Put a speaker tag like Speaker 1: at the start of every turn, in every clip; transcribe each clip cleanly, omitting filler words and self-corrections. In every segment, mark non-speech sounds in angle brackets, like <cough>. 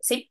Speaker 1: Sí.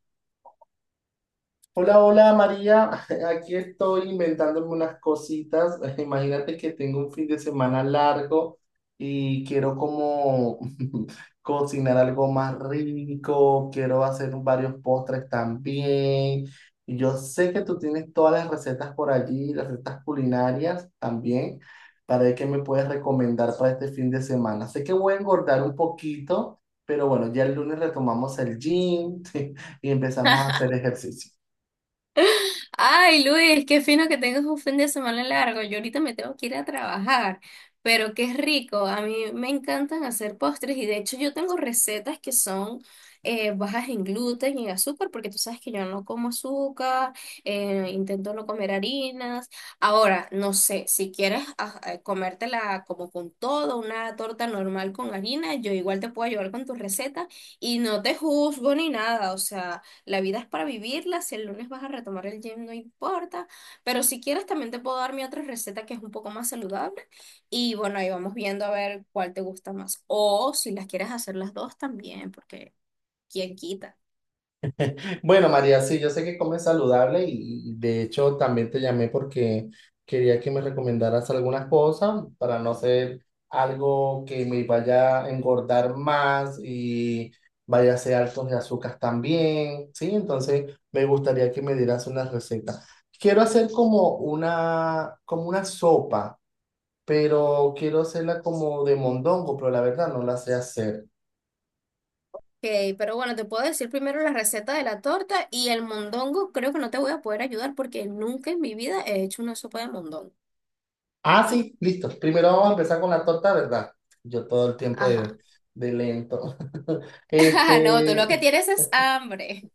Speaker 2: Hola, hola María, <laughs> aquí estoy inventándome unas cositas. <laughs> Imagínate que tengo un fin de semana largo y quiero como <laughs> cocinar algo más rico, quiero hacer varios postres también. Yo sé que tú tienes todas las recetas por allí, las recetas culinarias también, para ver qué me puedes recomendar para este fin de semana. Sé que voy a engordar un poquito, pero bueno, ya el lunes retomamos el gym <laughs> y empezamos a hacer ejercicio.
Speaker 1: Ay, Luis, qué fino que tengas un fin de semana largo. Yo ahorita me tengo que ir a trabajar, pero qué rico. A mí me encantan hacer postres y de hecho yo tengo recetas que son bajas en gluten y en azúcar, porque tú sabes que yo no como azúcar, intento no comer harinas. Ahora, no sé, si quieres comértela como con todo, una torta normal con harina, yo igual te puedo ayudar con tu receta y no te juzgo ni nada, o sea. La vida es para vivirla, si el lunes vas a retomar el gym, no importa, pero si quieres también te puedo dar mi otra receta que es un poco más saludable y bueno, ahí vamos viendo a ver cuál te gusta más o si las quieres hacer las dos también, porque quién quita.
Speaker 2: Bueno, María, sí, yo sé que comes saludable y de hecho también te llamé porque quería que me recomendaras algunas cosas para no ser algo que me vaya a engordar más y vaya a ser alto de azúcar también, ¿sí? Entonces me gustaría que me dieras unas recetas. Quiero hacer como una sopa, pero quiero hacerla como de mondongo, pero la verdad no la sé hacer.
Speaker 1: Ok, pero bueno, te puedo decir primero la receta de la torta y el mondongo creo que no te voy a poder ayudar porque nunca en mi vida he hecho una sopa de mondongo.
Speaker 2: Ah, sí, listo. Primero vamos a empezar con la torta, ¿verdad? Yo todo el tiempo
Speaker 1: Ajá.
Speaker 2: de lento.
Speaker 1: <laughs> No, tú lo que
Speaker 2: Este,
Speaker 1: tienes es hambre.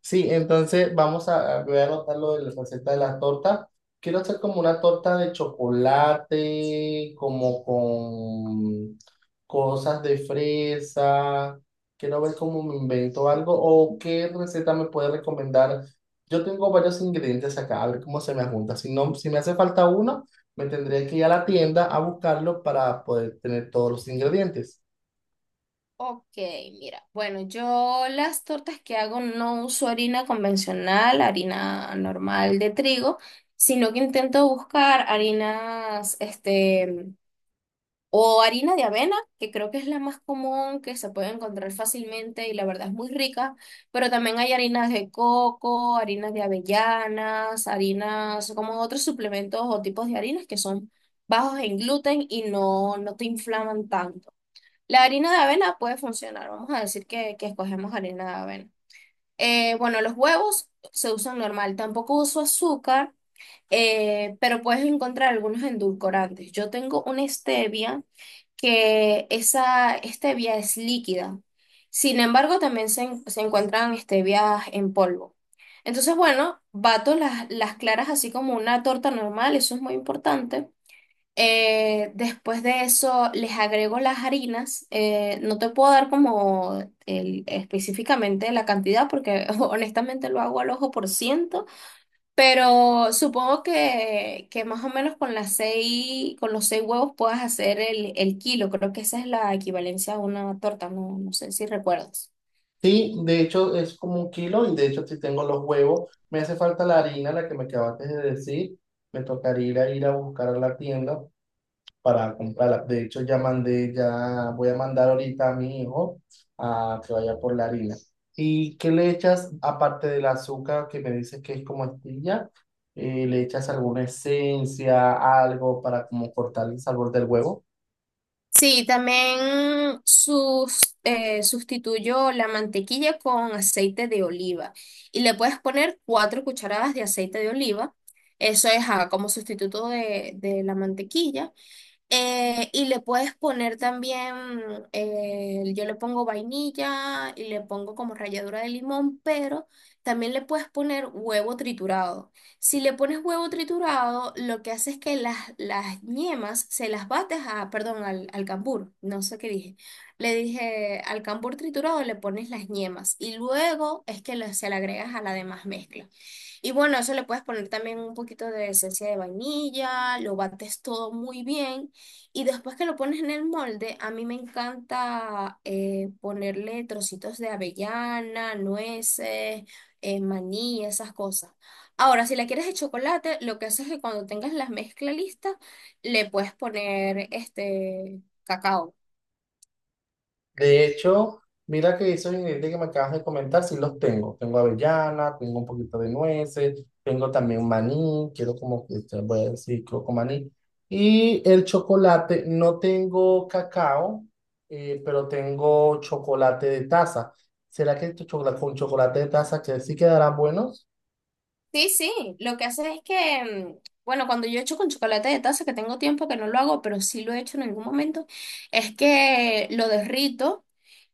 Speaker 2: Sí, entonces voy a anotar lo de la receta de la torta. Quiero hacer como una torta de chocolate, como con cosas de fresa. Quiero ver cómo me invento algo o qué receta me puede recomendar. Yo tengo varios ingredientes acá, a ver cómo se me junta. Si no, si me hace falta uno, me tendría que ir a la tienda a buscarlo para poder tener todos los ingredientes.
Speaker 1: Ok, mira, bueno, yo las tortas que hago no uso harina convencional, harina normal de trigo, sino que intento buscar harinas, o harina de avena, que creo que es la más común, que se puede encontrar fácilmente y la verdad es muy rica, pero también hay harinas de coco, harinas de avellanas, harinas como otros suplementos o tipos de harinas que son bajos en gluten y no, no te inflaman tanto. La harina de avena puede funcionar, vamos a decir que escogemos harina de avena. Bueno, los huevos se usan normal, tampoco uso azúcar, pero puedes encontrar algunos endulcorantes. Yo tengo una stevia que esa stevia es líquida, sin embargo también se encuentran stevias en polvo. Entonces, bueno, bato las claras así como una torta normal, eso es muy importante. Después de eso les agrego las harinas. No te puedo dar como específicamente la cantidad porque <laughs> honestamente lo hago al ojo por ciento, pero supongo que más o menos con con los 6 huevos puedas hacer el kilo. Creo que esa es la equivalencia a una torta, no, no sé si recuerdas.
Speaker 2: Sí, de hecho es como un kilo y de hecho si tengo los huevos, me hace falta la harina, la que me acabaste de decir, me tocaría ir a buscar a la tienda para comprarla. De hecho ya mandé, Ya voy a mandar ahorita a mi hijo a que vaya por la harina. ¿Y qué le echas aparte del azúcar que me dices que es como estilla? ¿Le echas alguna esencia, algo para como cortar el sabor del huevo?
Speaker 1: Sí, también sustituyo la mantequilla con aceite de oliva y le puedes poner 4 cucharadas de aceite de oliva. Eso es como sustituto de la mantequilla. Y le puedes poner también, yo le pongo vainilla y le pongo como ralladura de limón, pero también le puedes poner huevo triturado. Si le pones huevo triturado, lo que hace es que las yemas se las bates a, perdón, al cambur, no sé qué dije. Le dije al cambur triturado le pones las yemas y luego es que se le agregas a la demás mezcla. Y bueno, eso le puedes poner también un poquito de esencia de vainilla, lo bates todo muy bien. Y después que lo pones en el molde, a mí me encanta ponerle trocitos de avellana, nueces, maní, esas cosas. Ahora, si la quieres de chocolate, lo que haces es que cuando tengas la mezcla lista, le puedes poner este cacao.
Speaker 2: De hecho, mira que esos ingredientes que me acabas de comentar, sí los tengo. Tengo avellana, tengo un poquito de nueces, tengo también maní, quiero como que te voy a decir, quiero con maní. Y el chocolate, no tengo cacao, pero tengo chocolate de taza. ¿Será que tu chocolate con chocolate de taza que sí quedarán buenos?
Speaker 1: Sí, sí, lo que hace es que, bueno, cuando yo echo con chocolate de taza, que tengo tiempo que no lo hago, pero sí lo he hecho en algún momento, es que lo derrito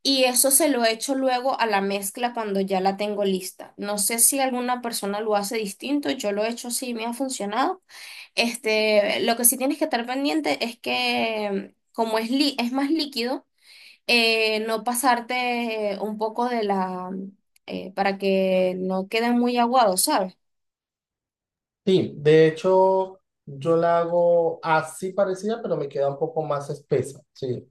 Speaker 1: y eso se lo echo luego a la mezcla cuando ya la tengo lista. No sé si alguna persona lo hace distinto, yo lo he hecho así, me ha funcionado. Este, lo que sí tienes que estar pendiente es que, como es, es más líquido, no pasarte un poco de la, para que no quede muy aguado, ¿sabes?
Speaker 2: Sí, de hecho, yo la hago así parecida, pero me queda un poco más espesa. Sí.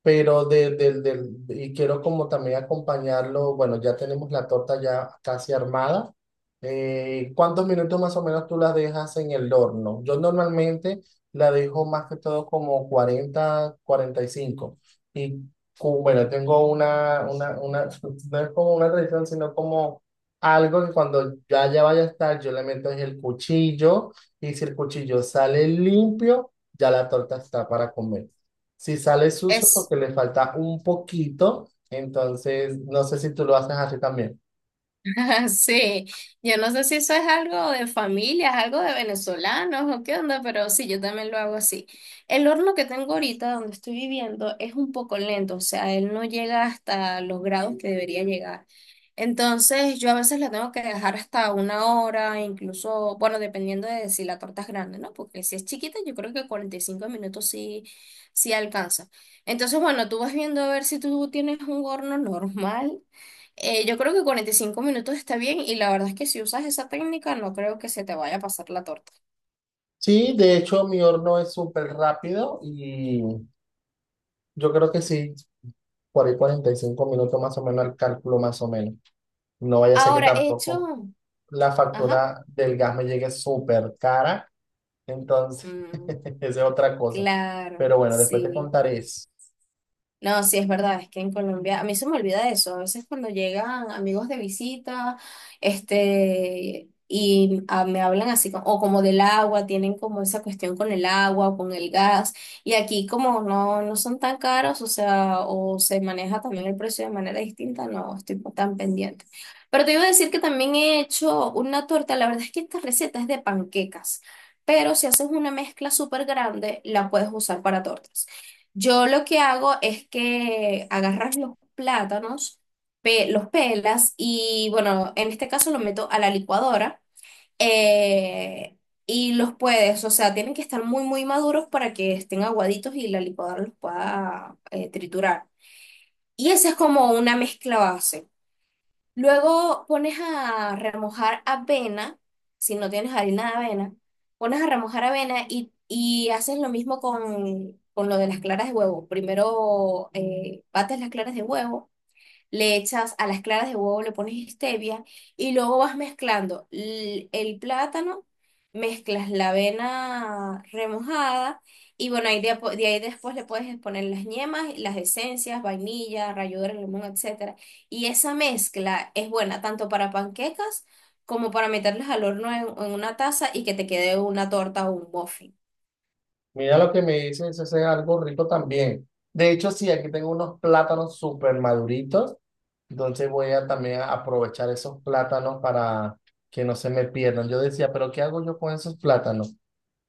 Speaker 2: Pero y quiero como también acompañarlo, bueno, ya tenemos la torta ya casi armada. ¿Cuántos minutos más o menos tú la dejas en el horno? Yo normalmente la dejo más que todo como 40, 45. Y cinco. Y bueno, tengo una <laughs> no es como una tradición, sino como algo que cuando ya vaya a estar, yo le meto es el cuchillo y si el cuchillo sale limpio, ya la torta está para comer. Si sale sucio
Speaker 1: Es,
Speaker 2: porque le falta un poquito, entonces no sé si tú lo haces así también.
Speaker 1: <laughs> sí, yo no sé si eso es algo de familia, es algo de venezolanos o qué onda, pero sí, yo también lo hago así. El horno que tengo ahorita donde estoy viviendo es un poco lento, o sea, él no llega hasta los grados que debería llegar. Entonces, yo a veces la tengo que dejar hasta una hora, incluso, bueno, dependiendo de si la torta es grande, ¿no? Porque si es chiquita, yo creo que 45 minutos sí, sí alcanza. Entonces, bueno, tú vas viendo a ver si tú tienes un horno normal. Yo creo que 45 minutos está bien y la verdad es que si usas esa técnica no creo que se te vaya a pasar la torta.
Speaker 2: Sí, de hecho mi horno es súper rápido y yo creo que sí, por ahí 45 minutos más o menos el cálculo más o menos. No vaya a ser que
Speaker 1: Ahora, hecho.
Speaker 2: tampoco la
Speaker 1: Ajá.
Speaker 2: factura del gas me llegue súper cara, entonces
Speaker 1: Mm,
Speaker 2: <laughs> esa es otra cosa.
Speaker 1: claro,
Speaker 2: Pero bueno, después te
Speaker 1: sí.
Speaker 2: contaré eso.
Speaker 1: No, sí, es verdad, es que en Colombia, a mí se me olvida eso, a veces cuando llegan amigos de visita, me hablan así, o como del agua, tienen como esa cuestión con el agua o con el gas, y aquí como no, no son tan caros, o sea, o se maneja también el precio de manera distinta, no estoy tan pendiente. Pero te iba a decir que también he hecho una torta, la verdad es que esta receta es de panquecas, pero si haces una mezcla súper grande, la puedes usar para tortas. Yo lo que hago es que agarras los plátanos, los pelas y bueno, en este caso los meto a la licuadora eh, y los puedes, o sea, tienen que estar muy, muy maduros para que estén aguaditos y la licuadora los pueda triturar. Y esa es como una mezcla base. Luego pones a remojar avena, si no tienes harina de avena, pones a remojar avena y haces lo mismo con lo de las claras de huevo. Primero bates las claras de huevo, le echas a las claras de huevo, le pones stevia y luego vas mezclando el plátano, mezclas la avena remojada y bueno, ahí de ahí después le puedes poner las yemas, las esencias, vainilla, ralladura de limón, etcétera. Y esa mezcla es buena tanto para panquecas como para meterlas al horno en una taza y que te quede una torta o un muffin.
Speaker 2: Mira lo que me dices, eso es algo rico también. De hecho, sí, aquí tengo unos plátanos súper maduritos. Entonces voy a también a aprovechar esos plátanos para que no se me pierdan. Yo decía, pero ¿qué hago yo con esos plátanos?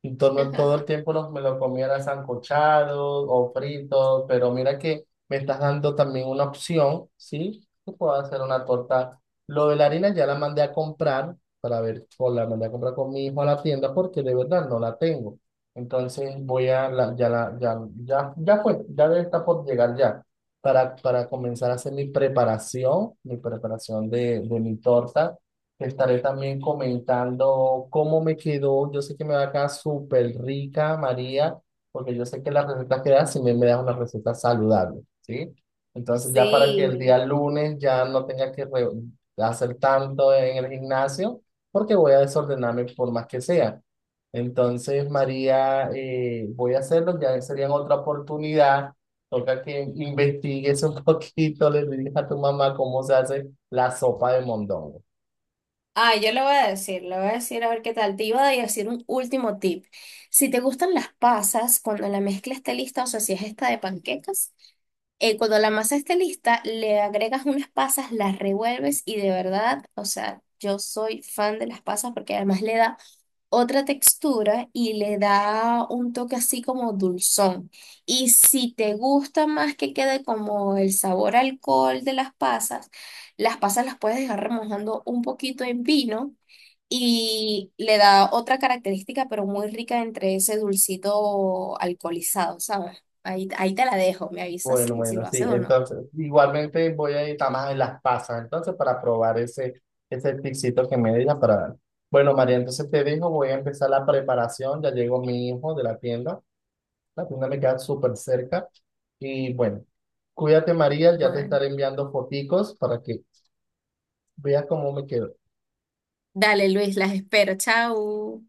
Speaker 2: Todo el tiempo me lo comiera sancochado o frito, pero mira que me estás dando también una opción, ¿sí? Que puedo hacer una torta. Lo de la harina ya la mandé a comprar, para ver, o la mandé a comprar con mi hijo a la tienda porque de verdad no la tengo. Entonces voy a, la, ya, la, ya, ya, ya fue, ya debe estar por llegar ya. Para comenzar a hacer mi preparación de mi torta. Te Estaré también comentando cómo me quedó. Yo sé que me va a quedar súper rica, María, porque yo sé que las recetas que das, si me, me das una receta saludable, ¿sí? Entonces ya para que el
Speaker 1: Sí.
Speaker 2: día lunes ya no tenga que hacer tanto en el gimnasio, porque voy a desordenarme por más que sea. Entonces, María, voy a hacerlo, ya sería en otra oportunidad. Toca que investigues un <laughs> poquito, le digas a tu mamá cómo se hace la sopa de mondongo.
Speaker 1: Ah, yo le voy a decir a ver qué tal. Te iba a decir un último tip. Si te gustan las pasas, cuando la mezcla esté lista, o sea, si es esta de panquecas, cuando la masa esté lista, le agregas unas pasas, las revuelves y de verdad, o sea, yo soy fan de las pasas porque además le da otra textura y le da un toque así como dulzón. Y si te gusta más que quede como el sabor a alcohol de las pasas, las pasas las puedes dejar remojando un poquito en vino y le da otra característica, pero muy rica entre ese dulcito alcoholizado, ¿sabes? Ahí, ahí te la dejo, me avisas
Speaker 2: Bueno,
Speaker 1: si, si
Speaker 2: bueno,
Speaker 1: lo
Speaker 2: sí.
Speaker 1: haces o no.
Speaker 2: Entonces, igualmente voy a ir a más en las pasas, entonces, para probar ese, ese tipcito que me diga para dar. Bueno, María, entonces te digo, voy a empezar la preparación. Ya llegó mi hijo de la tienda. La tienda me queda súper cerca. Y bueno, cuídate, María. Ya te
Speaker 1: Bueno,
Speaker 2: estaré enviando foticos para que veas cómo me quedo.
Speaker 1: dale Luis, las espero, chao.